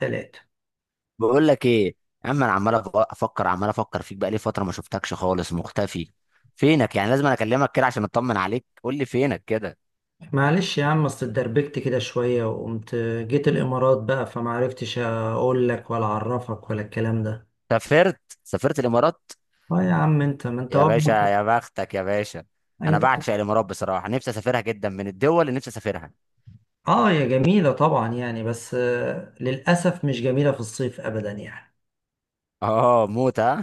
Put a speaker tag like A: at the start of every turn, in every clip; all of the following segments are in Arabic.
A: تلاتة.
B: بقول لك ايه؟ يا عم، انا عمال افكر فيك بقالي فتره، ما شفتكش خالص، مختفي. فينك يعني؟ لازم أنا اكلمك كده عشان اطمن عليك. قول لي فينك كده.
A: معلش يا عم، اصل اتدربكت كده شوية وقمت جيت الإمارات بقى، فمعرفتش أقول لك ولا أعرفك ولا الكلام ده.
B: سافرت الامارات؟
A: اه يا عم، انت ما انت
B: يا باشا، يا بختك يا باشا. انا
A: انت.
B: بعشق الامارات بصراحه، نفسي اسافرها جدا، من الدول اللي نفسي اسافرها.
A: اه، يا جميلة طبعا يعني، بس للأسف مش جميلة في الصيف أبدا يعني.
B: اه موت، ها؟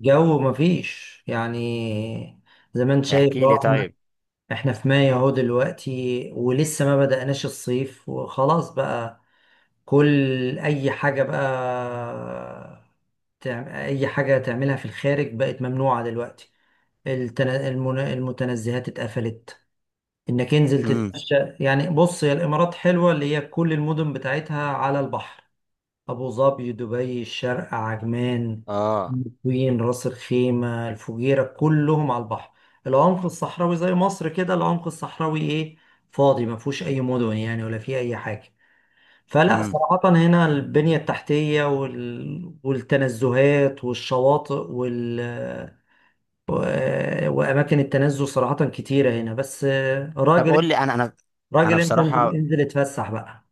A: جو مفيش يعني، زي ما انت شايف
B: احكي لي
A: اهو، احنا
B: طيب.
A: احنا في مايو اهو دلوقتي، ولسه ما بدأناش الصيف وخلاص بقى. كل أي حاجة بقى، اي حاجه تعملها في الخارج بقت ممنوعه دلوقتي. المتنزهات اتقفلت، انك انزل
B: امم.
A: تتمشى يعني. بص، هي الامارات حلوه، اللي هي كل المدن بتاعتها على البحر. ابو ظبي، دبي، الشارقه، عجمان،
B: اه.
A: الطين، راس الخيمه، الفجيره، كلهم على البحر. العمق الصحراوي زي مصر كده، العمق الصحراوي ايه، فاضي، ما فيهوش اي مدن يعني ولا فيه اي حاجه. فلا
B: امم.
A: صراحة هنا البنية التحتية والتنزهات والشواطئ و... وأماكن التنزه صراحة كتيرة هنا. بس
B: طب
A: راجل،
B: قول لي، انا
A: راجل أنت، انزل
B: بصراحه
A: انزل اتفسح بقى.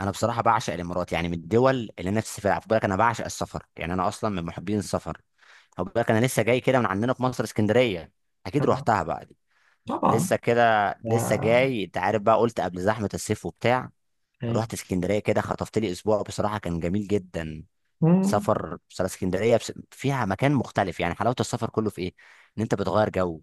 B: انا بصراحه بعشق الامارات، يعني من الدول اللي نفسي اسافرها. خد بالك انا بعشق السفر، يعني انا اصلا من محبين السفر. خد بالك انا لسه جاي كده من عندنا في مصر، اسكندريه. اكيد
A: آه،
B: روحتها بقى دي.
A: طبعا.
B: لسه كده
A: ف-
B: لسه جاي، انت عارف بقى، قلت قبل زحمه الصيف وبتاع.
A: إيه.
B: رحت اسكندريه كده، خطفت لي اسبوع، بصراحه كان جميل جدا.
A: مم.
B: فيها مكان مختلف، يعني حلاوه السفر كله في ايه؟ ان انت بتغير جو،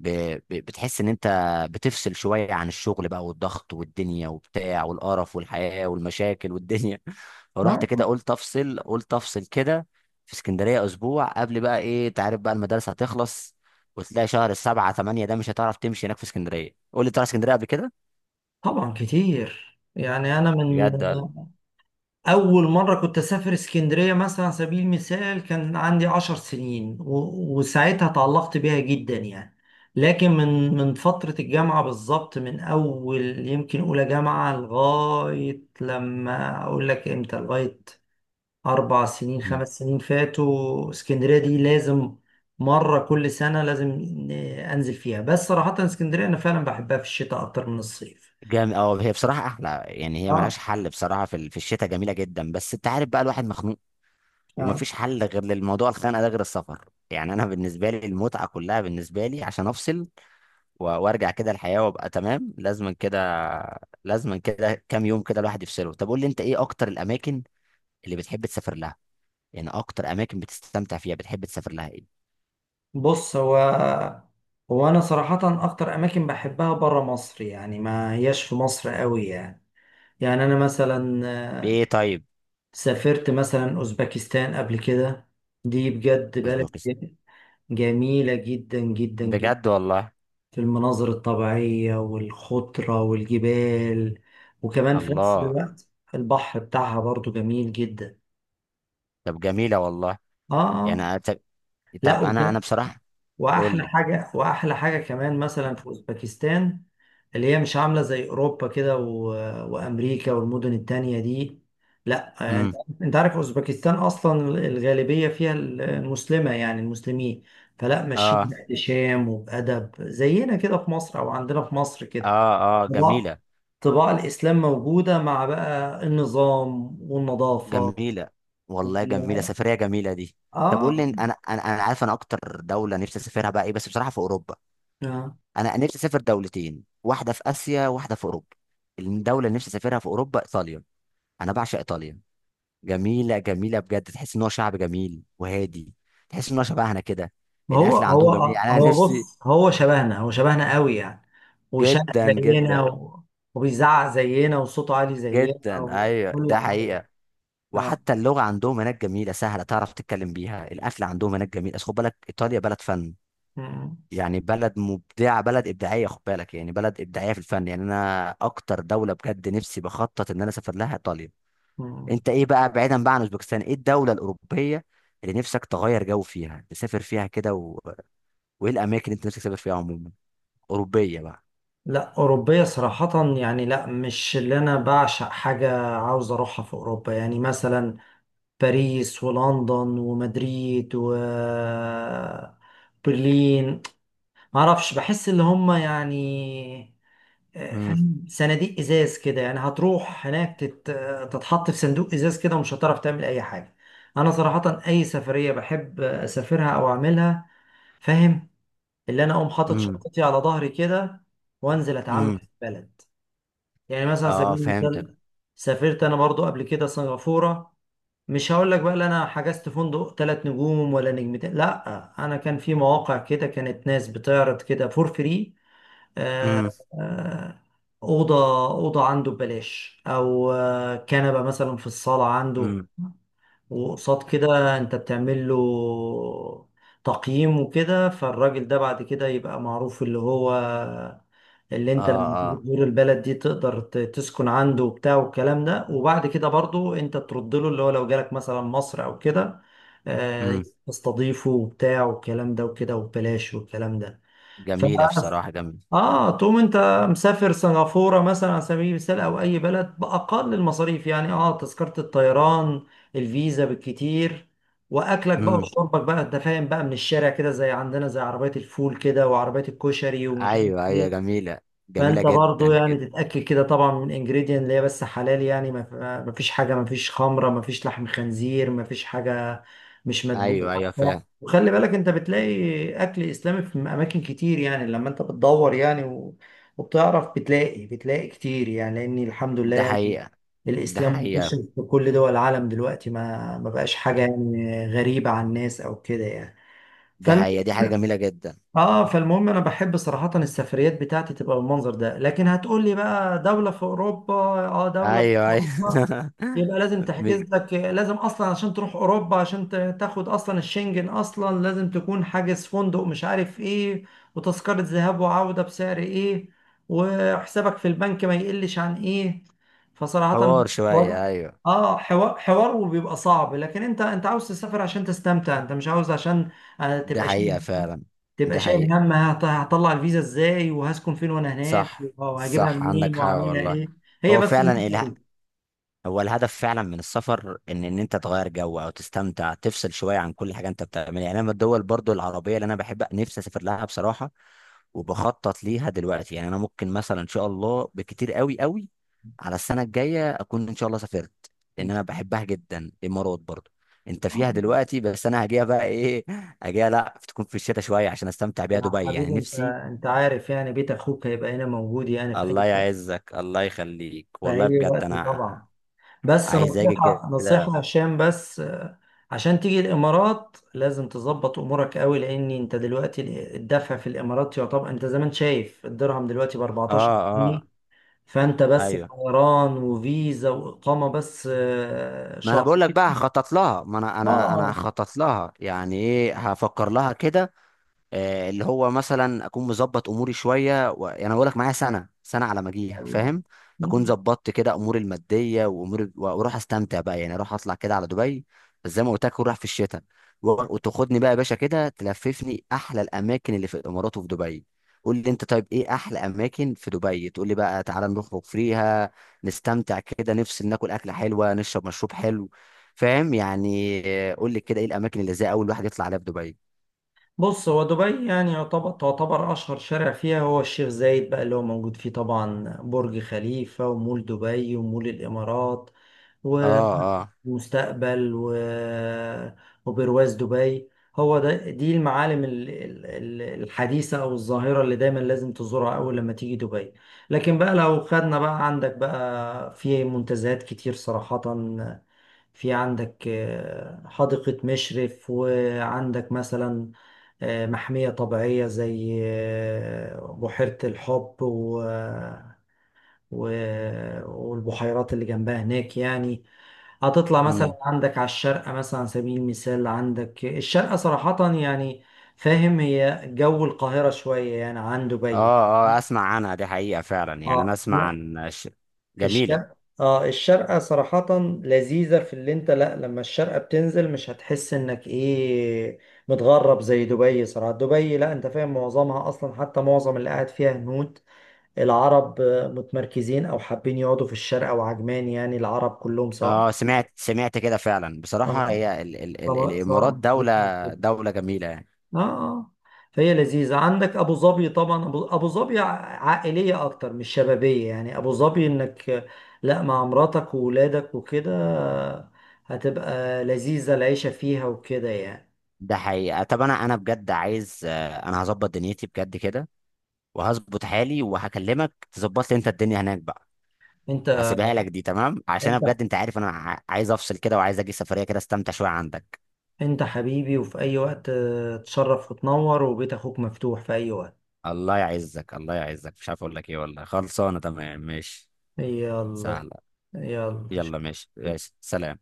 B: ب... بتحس ان انت بتفصل شويه عن الشغل بقى، والضغط والدنيا وبتاع، والقرف والحياه والمشاكل والدنيا. فرحت
A: آه،
B: كده، قلت افصل، قلت افصل كده، في اسكندريه اسبوع، قبل بقى ايه، انت عارف بقى، المدارس هتخلص وتلاقي شهر سبعة تمانية ده مش هتعرف تمشي هناك في اسكندريه. قول لي، تروح اسكندريه قبل كده
A: طبعا كتير يعني. أنا من
B: بجد
A: أول مرة كنت أسافر اسكندرية مثلا على سبيل المثال، كان عندي 10 سنين وساعتها تعلقت بيها جدا يعني. لكن من فترة الجامعة بالظبط، من أول يمكن أولى جامعة، لغاية لما أقول لك إمتى، لغاية 4 سنين
B: ولا؟
A: 5 سنين فاتوا، اسكندرية دي لازم مرة كل سنة، لازم أنزل فيها. بس صراحة اسكندرية أنا فعلا بحبها في الشتاء أكتر من الصيف.
B: جامد. اه، هي بصراحة أحلى، يعني هي ملهاش
A: آه،
B: حل بصراحة في الشتاء، جميلة جدا، بس أنت عارف بقى الواحد مخنوق،
A: آه.
B: ومفيش حل غير للموضوع الخنقة ده غير السفر. يعني أنا بالنسبة لي المتعة كلها بالنسبة لي عشان أفصل وأرجع كده الحياة وأبقى تمام. لازم كده، لازم كده كام يوم كده الواحد يفصله. طب قول لي أنت، إيه أكتر الأماكن اللي بتحب تسافر لها؟ يعني أكتر أماكن بتستمتع فيها، بتحب تسافر لها إيه؟
A: بص، هو انا صراحة اكتر اماكن بحبها برا مصر، يعني ما هياش في مصر قوي يعني. يعني انا مثلا آه،
B: بإيه طيب؟
A: سافرت مثلا اوزبكستان قبل كده، دي بجد بلد
B: أوزبكستان؟
A: جميلة جدا جدا جدا،
B: بجد والله.
A: في المناظر الطبيعية والخضرة والجبال، وكمان في نفس
B: الله.
A: الوقت البحر بتاعها برضو جميل جدا.
B: طب جميلة والله.
A: اه،
B: يعني
A: اه،
B: طب.
A: لا.
B: طب، أنا بصراحة. قول
A: واحلى
B: لي.
A: حاجه واحلى حاجه كمان مثلا في اوزبكستان، اللي هي مش عامله زي اوروبا كده وامريكا والمدن التانية دي. لا انت،
B: امم.
A: أنت عارف اوزبكستان اصلا الغالبيه فيها المسلمه، يعني المسلمين، فلا ماشيين
B: اه،
A: باحتشام وبادب زينا كده في مصر، او عندنا في مصر كده.
B: اه، اه،
A: طباع
B: جميله.
A: طباع الاسلام موجوده، مع بقى النظام والنظافه
B: جميله والله، جميله،
A: وال...
B: سفريه جميله دي. طب قول لي،
A: اه.
B: انا عارف، انا اكتر دوله نفسي اسافرها بقى ايه، بس بصراحه في اوروبا.
A: آه.
B: انا نفسي اسافر دولتين، واحده في اسيا، واحده في اوروبا. الدوله اللي نفسي اسافرها في اوروبا ايطاليا. انا بعشق ايطاليا. جميله جميله بجد، تحس ان هو شعب جميل وهادي، تحس ان هو شبهنا كده.
A: ما هو
B: الاكل
A: هو
B: عندهم جميل، يعني انا
A: هو
B: نفسي.
A: بص، هو شبهنا، هو شبهنا قوي يعني، وشقى
B: جدا
A: زينا
B: جدا
A: وبيزعق زينا وصوته عالي زينا
B: جدا. ايوه
A: وكل
B: ده
A: حاجة.
B: حقيقه.
A: اه.
B: وحتى اللغة عندهم هناك جميلة، سهلة تعرف تتكلم بيها. الأكل عندهم هناك جميل. أصل خد بالك إيطاليا بلد فن،
A: مم.
B: يعني بلد مبدعة، بلد إبداعية، خد بالك، يعني بلد إبداعية في الفن. يعني أنا أكتر دولة بجد نفسي بخطط إن أنا أسافر لها إيطاليا.
A: مم.
B: أنت إيه بقى، بعيدا بقى عن أوزبكستان، إيه الدولة الأوروبية اللي نفسك تغير جو فيها، تسافر فيها كده، وإيه الأماكن اللي أنت نفسك تسافر فيها عموما، أوروبية بقى؟
A: لا، أوروبية صراحة يعني، لا، مش اللي أنا بعشق حاجة عاوز أروحها في أوروبا، يعني مثلا باريس ولندن ومدريد وبرلين، معرفش، بحس اللي هم يعني،
B: امم.
A: فاهم، صناديق ازاز كده يعني، هتروح هناك تتحط في صندوق ازاز كده، ومش هتعرف تعمل اي حاجه. انا صراحه اي سفريه بحب اسافرها او اعملها، فاهم، اللي انا اقوم حاطط
B: امم.
A: شنطتي على ظهري كده، وانزل اتعامل
B: امم.
A: في البلد. يعني مثلا على سبيل
B: اه فهمتك.
A: المثال سافرت انا برضو قبل كده سنغافوره، مش هقول لك بقى لا انا حجزت فندق 3 نجوم ولا نجمتين، لا انا كان في مواقع كده كانت ناس بتعرض كده فور فري،
B: امم.
A: آه، آه، أوضة أوضة عنده ببلاش، أو كنبة مثلا في الصالة عنده،
B: امم.
A: وقصاد كده أنت بتعمل له تقييم وكده، فالراجل ده بعد كده يبقى معروف، اللي هو اللي
B: اه،
A: أنت لما تيجي
B: اه.
A: تزور البلد دي تقدر تسكن عنده وبتاع والكلام ده، وبعد كده برضو أنت ترد له، اللي هو لو جالك مثلا مصر أو كده
B: امم.
A: تستضيفه وبتاع والكلام ده وكده، وببلاش والكلام ده. ف-
B: جميلة بصراحة، جميلة.
A: اه، تقوم انت مسافر سنغافورة مثلا على سبيل المثال، او اي بلد باقل المصاريف، يعني اه تذكرة الطيران، الفيزا بالكتير، واكلك بقى وشربك بقى، انت فاهم، بقى من الشارع كده زي عندنا، زي عربية الفول كده وعربية الكشري ومش عارف
B: ايوه، ايوه
A: ايه.
B: جميله.
A: فانت
B: جميله
A: برضو
B: جدا
A: يعني
B: جدا.
A: تتاكد كده طبعا من انجريدينت اللي هي بس حلال، يعني ما فيش حاجه، ما فيش خمره، ما فيش لحم خنزير، ما فيش حاجه مش
B: ايوه ايوه،
A: مدبوحه بتاع.
B: فاهم.
A: وخلي بالك انت بتلاقي اكل اسلامي في اماكن كتير يعني، لما انت بتدور يعني وبتعرف بتلاقي كتير يعني، لان الحمد لله
B: ده
A: يعني
B: حقيقه، ده
A: الاسلام منتشر
B: حقيقه.
A: في كل دول العالم دلوقتي، ما بقاش حاجه يعني غريبه عن الناس او كده يعني.
B: ده حقيقه، دي حاجه جميله جدا.
A: اه، فالمهم انا بحب صراحة السفريات بتاعتي تبقى بالمنظر ده. لكن هتقول لي بقى دولة في اوروبا، اه دولة في
B: ايوه،
A: اوروبا
B: ايوه.
A: يبقى لازم
B: م-
A: تحجز لك، لازم اصلا عشان تروح اوروبا عشان تاخد اصلا الشنجن، اصلا لازم تكون حاجز فندق مش عارف ايه، وتذكرة ذهاب وعودة بسعر ايه، وحسابك في البنك ما يقلش عن ايه. فصراحة
B: حوار
A: وضع،
B: شويه، ايوه.
A: اه حوار حوار، وبيبقى صعب. لكن انت عاوز تسافر عشان تستمتع، انت مش عاوز عشان آه،
B: ده
A: تبقى
B: حقيقه
A: شايل
B: فعلا.
A: تبقى
B: ده
A: شايل
B: حقيقه.
A: هم هطلع الفيزا ازاي، وهسكن فين، وانا هناك
B: صح،
A: وهجيبها
B: صح، عندك
A: منين،
B: حق
A: وهعملها
B: والله.
A: ايه. هي
B: هو
A: بس
B: فعلا.
A: النقطة
B: هو الهدف فعلا من السفر ان ان انت تغير جو او تستمتع، تفصل شويه عن كل حاجه انت بتعملها. يعني انا من الدول برضو العربيه اللي انا بحب نفسي اسافر لها بصراحه، وبخطط ليها دلوقتي. يعني انا ممكن مثلا ان شاء الله بكتير، قوي قوي، على السنه الجايه اكون ان شاء الله سافرت،
A: دي.
B: لان انا بحبها جدا الامارات برضو. انت فيها دلوقتي، بس انا هجيها بقى ايه، هجيها لا تكون في الشتاء شويه عشان استمتع
A: يا
B: بيها دبي،
A: حبيبي،
B: يعني
A: انت
B: نفسي.
A: انت عارف يعني بيت اخوك هيبقى هنا موجود يعني
B: الله يعزك، الله يخليك،
A: في
B: والله
A: اي
B: بجد
A: وقت
B: انا
A: طبعا. بس
B: عايز اجي
A: نصيحة
B: كده.
A: نصيحة عشان بس عشان تيجي الامارات لازم تظبط امورك قوي. لان انت دلوقتي الدفع في الامارات يعتبر، انت زي ما انت شايف الدرهم دلوقتي ب
B: اه.
A: 14.
B: آه.
A: فانت بس
B: ايوه،
A: طيران وفيزا واقامه بس
B: ما انا بقول لك بقى
A: شهرين.
B: هخطط لها، ما انا
A: اه.
B: هخطط لها، يعني ايه، هفكر لها كده. اللي هو مثلا اكون مظبط اموري شويه، يعني اقول لك معايا سنه سنه على ما اجيها،
A: الله.
B: فاهم؟ اكون
A: مم.
B: ظبطت كده اموري الماديه واموري، واروح استمتع بقى. يعني اروح اطلع كده على دبي، بس زي ما قلت لك اروح في الشتاء، وتاخدني بقى يا باشا كده، تلففني احلى الاماكن اللي في الامارات وفي دبي. قول لي انت طيب، ايه احلى اماكن في دبي؟ تقول لي بقى تعالى نخرج فيها، نستمتع كده، نفس ناكل اكله حلوه، نشرب مشروب حلو، فاهم يعني؟ قول لي كده، ايه الاماكن اللي زي اول واحد يطلع عليها في دبي؟
A: بص، هو دبي يعني تعتبر اشهر شارع فيها هو الشيخ زايد بقى، اللي هو موجود فيه طبعا برج خليفه، ومول دبي، ومول الامارات،
B: اه، اه.
A: ومستقبل وبرواز دبي. هو ده، دي المعالم الحديثة أو الظاهرة اللي دايما لازم تزورها أول لما تيجي دبي. لكن بقى لو خدنا بقى، عندك بقى في منتزهات كتير صراحة، في عندك حديقة مشرف، وعندك مثلا محمية طبيعية زي بحيرة الحب و... والبحيرات اللي جنبها هناك يعني. هتطلع
B: مم.
A: مثلا عندك على الشارقة، مثلا على سبيل المثال، عندك الشارقة صراحة يعني، فاهم، هي جو القاهرة شوية يعني عن دبي.
B: اه، اه، اسمع عنها دي حقيقة فعلا، يعني انا
A: اه،
B: اسمع
A: لا،
B: عن جميلة.
A: الشرق اه الشرقة صراحة لذيذة في اللي انت، لا، لما الشرقة بتنزل مش هتحس انك ايه، متغرب زي دبي. صراحة دبي، لا انت فاهم، معظمها اصلا، حتى معظم اللي قاعد فيها هنود. العرب متمركزين او حابين يقعدوا في الشرقة وعجمان، يعني العرب كلهم سواء،
B: اه، سمعت كده فعلا بصراحة،
A: آه،
B: هي ال ال ال
A: سواء سواء
B: الامارات دولة،
A: مصريين.
B: دولة جميلة يعني.
A: اه، اه، فهي لذيذة. عندك أبو ظبي طبعا، أبو ظبي عائلية أكتر مش شبابية، يعني أبو ظبي إنك لا، مع مراتك وولادك وكده هتبقى لذيذة العيشة فيها وكده يعني.
B: ده حقيقة. طب انا انا بجد عايز، انا هظبط دنيتي بجد كده، وهظبط حالي، وهكلمك تظبط لي انت الدنيا هناك بقى،
A: أنت
B: هسيبها لك دي، تمام؟ عشان انا
A: أنت
B: بجد انت عارف، انا عايز افصل كده، وعايز اجي سفرية كده، استمتع شوية عندك.
A: أنت حبيبي، وفي أي وقت تشرف وتنور، وبيت أخوك مفتوح في أي وقت.
B: الله يعزك، الله يعزك، مش عارف اقول لك ايه والله. خلصانة تمام، ماشي.
A: يلا،
B: سهلة.
A: يلا.
B: يلا، ماشي، ماشي، سلام.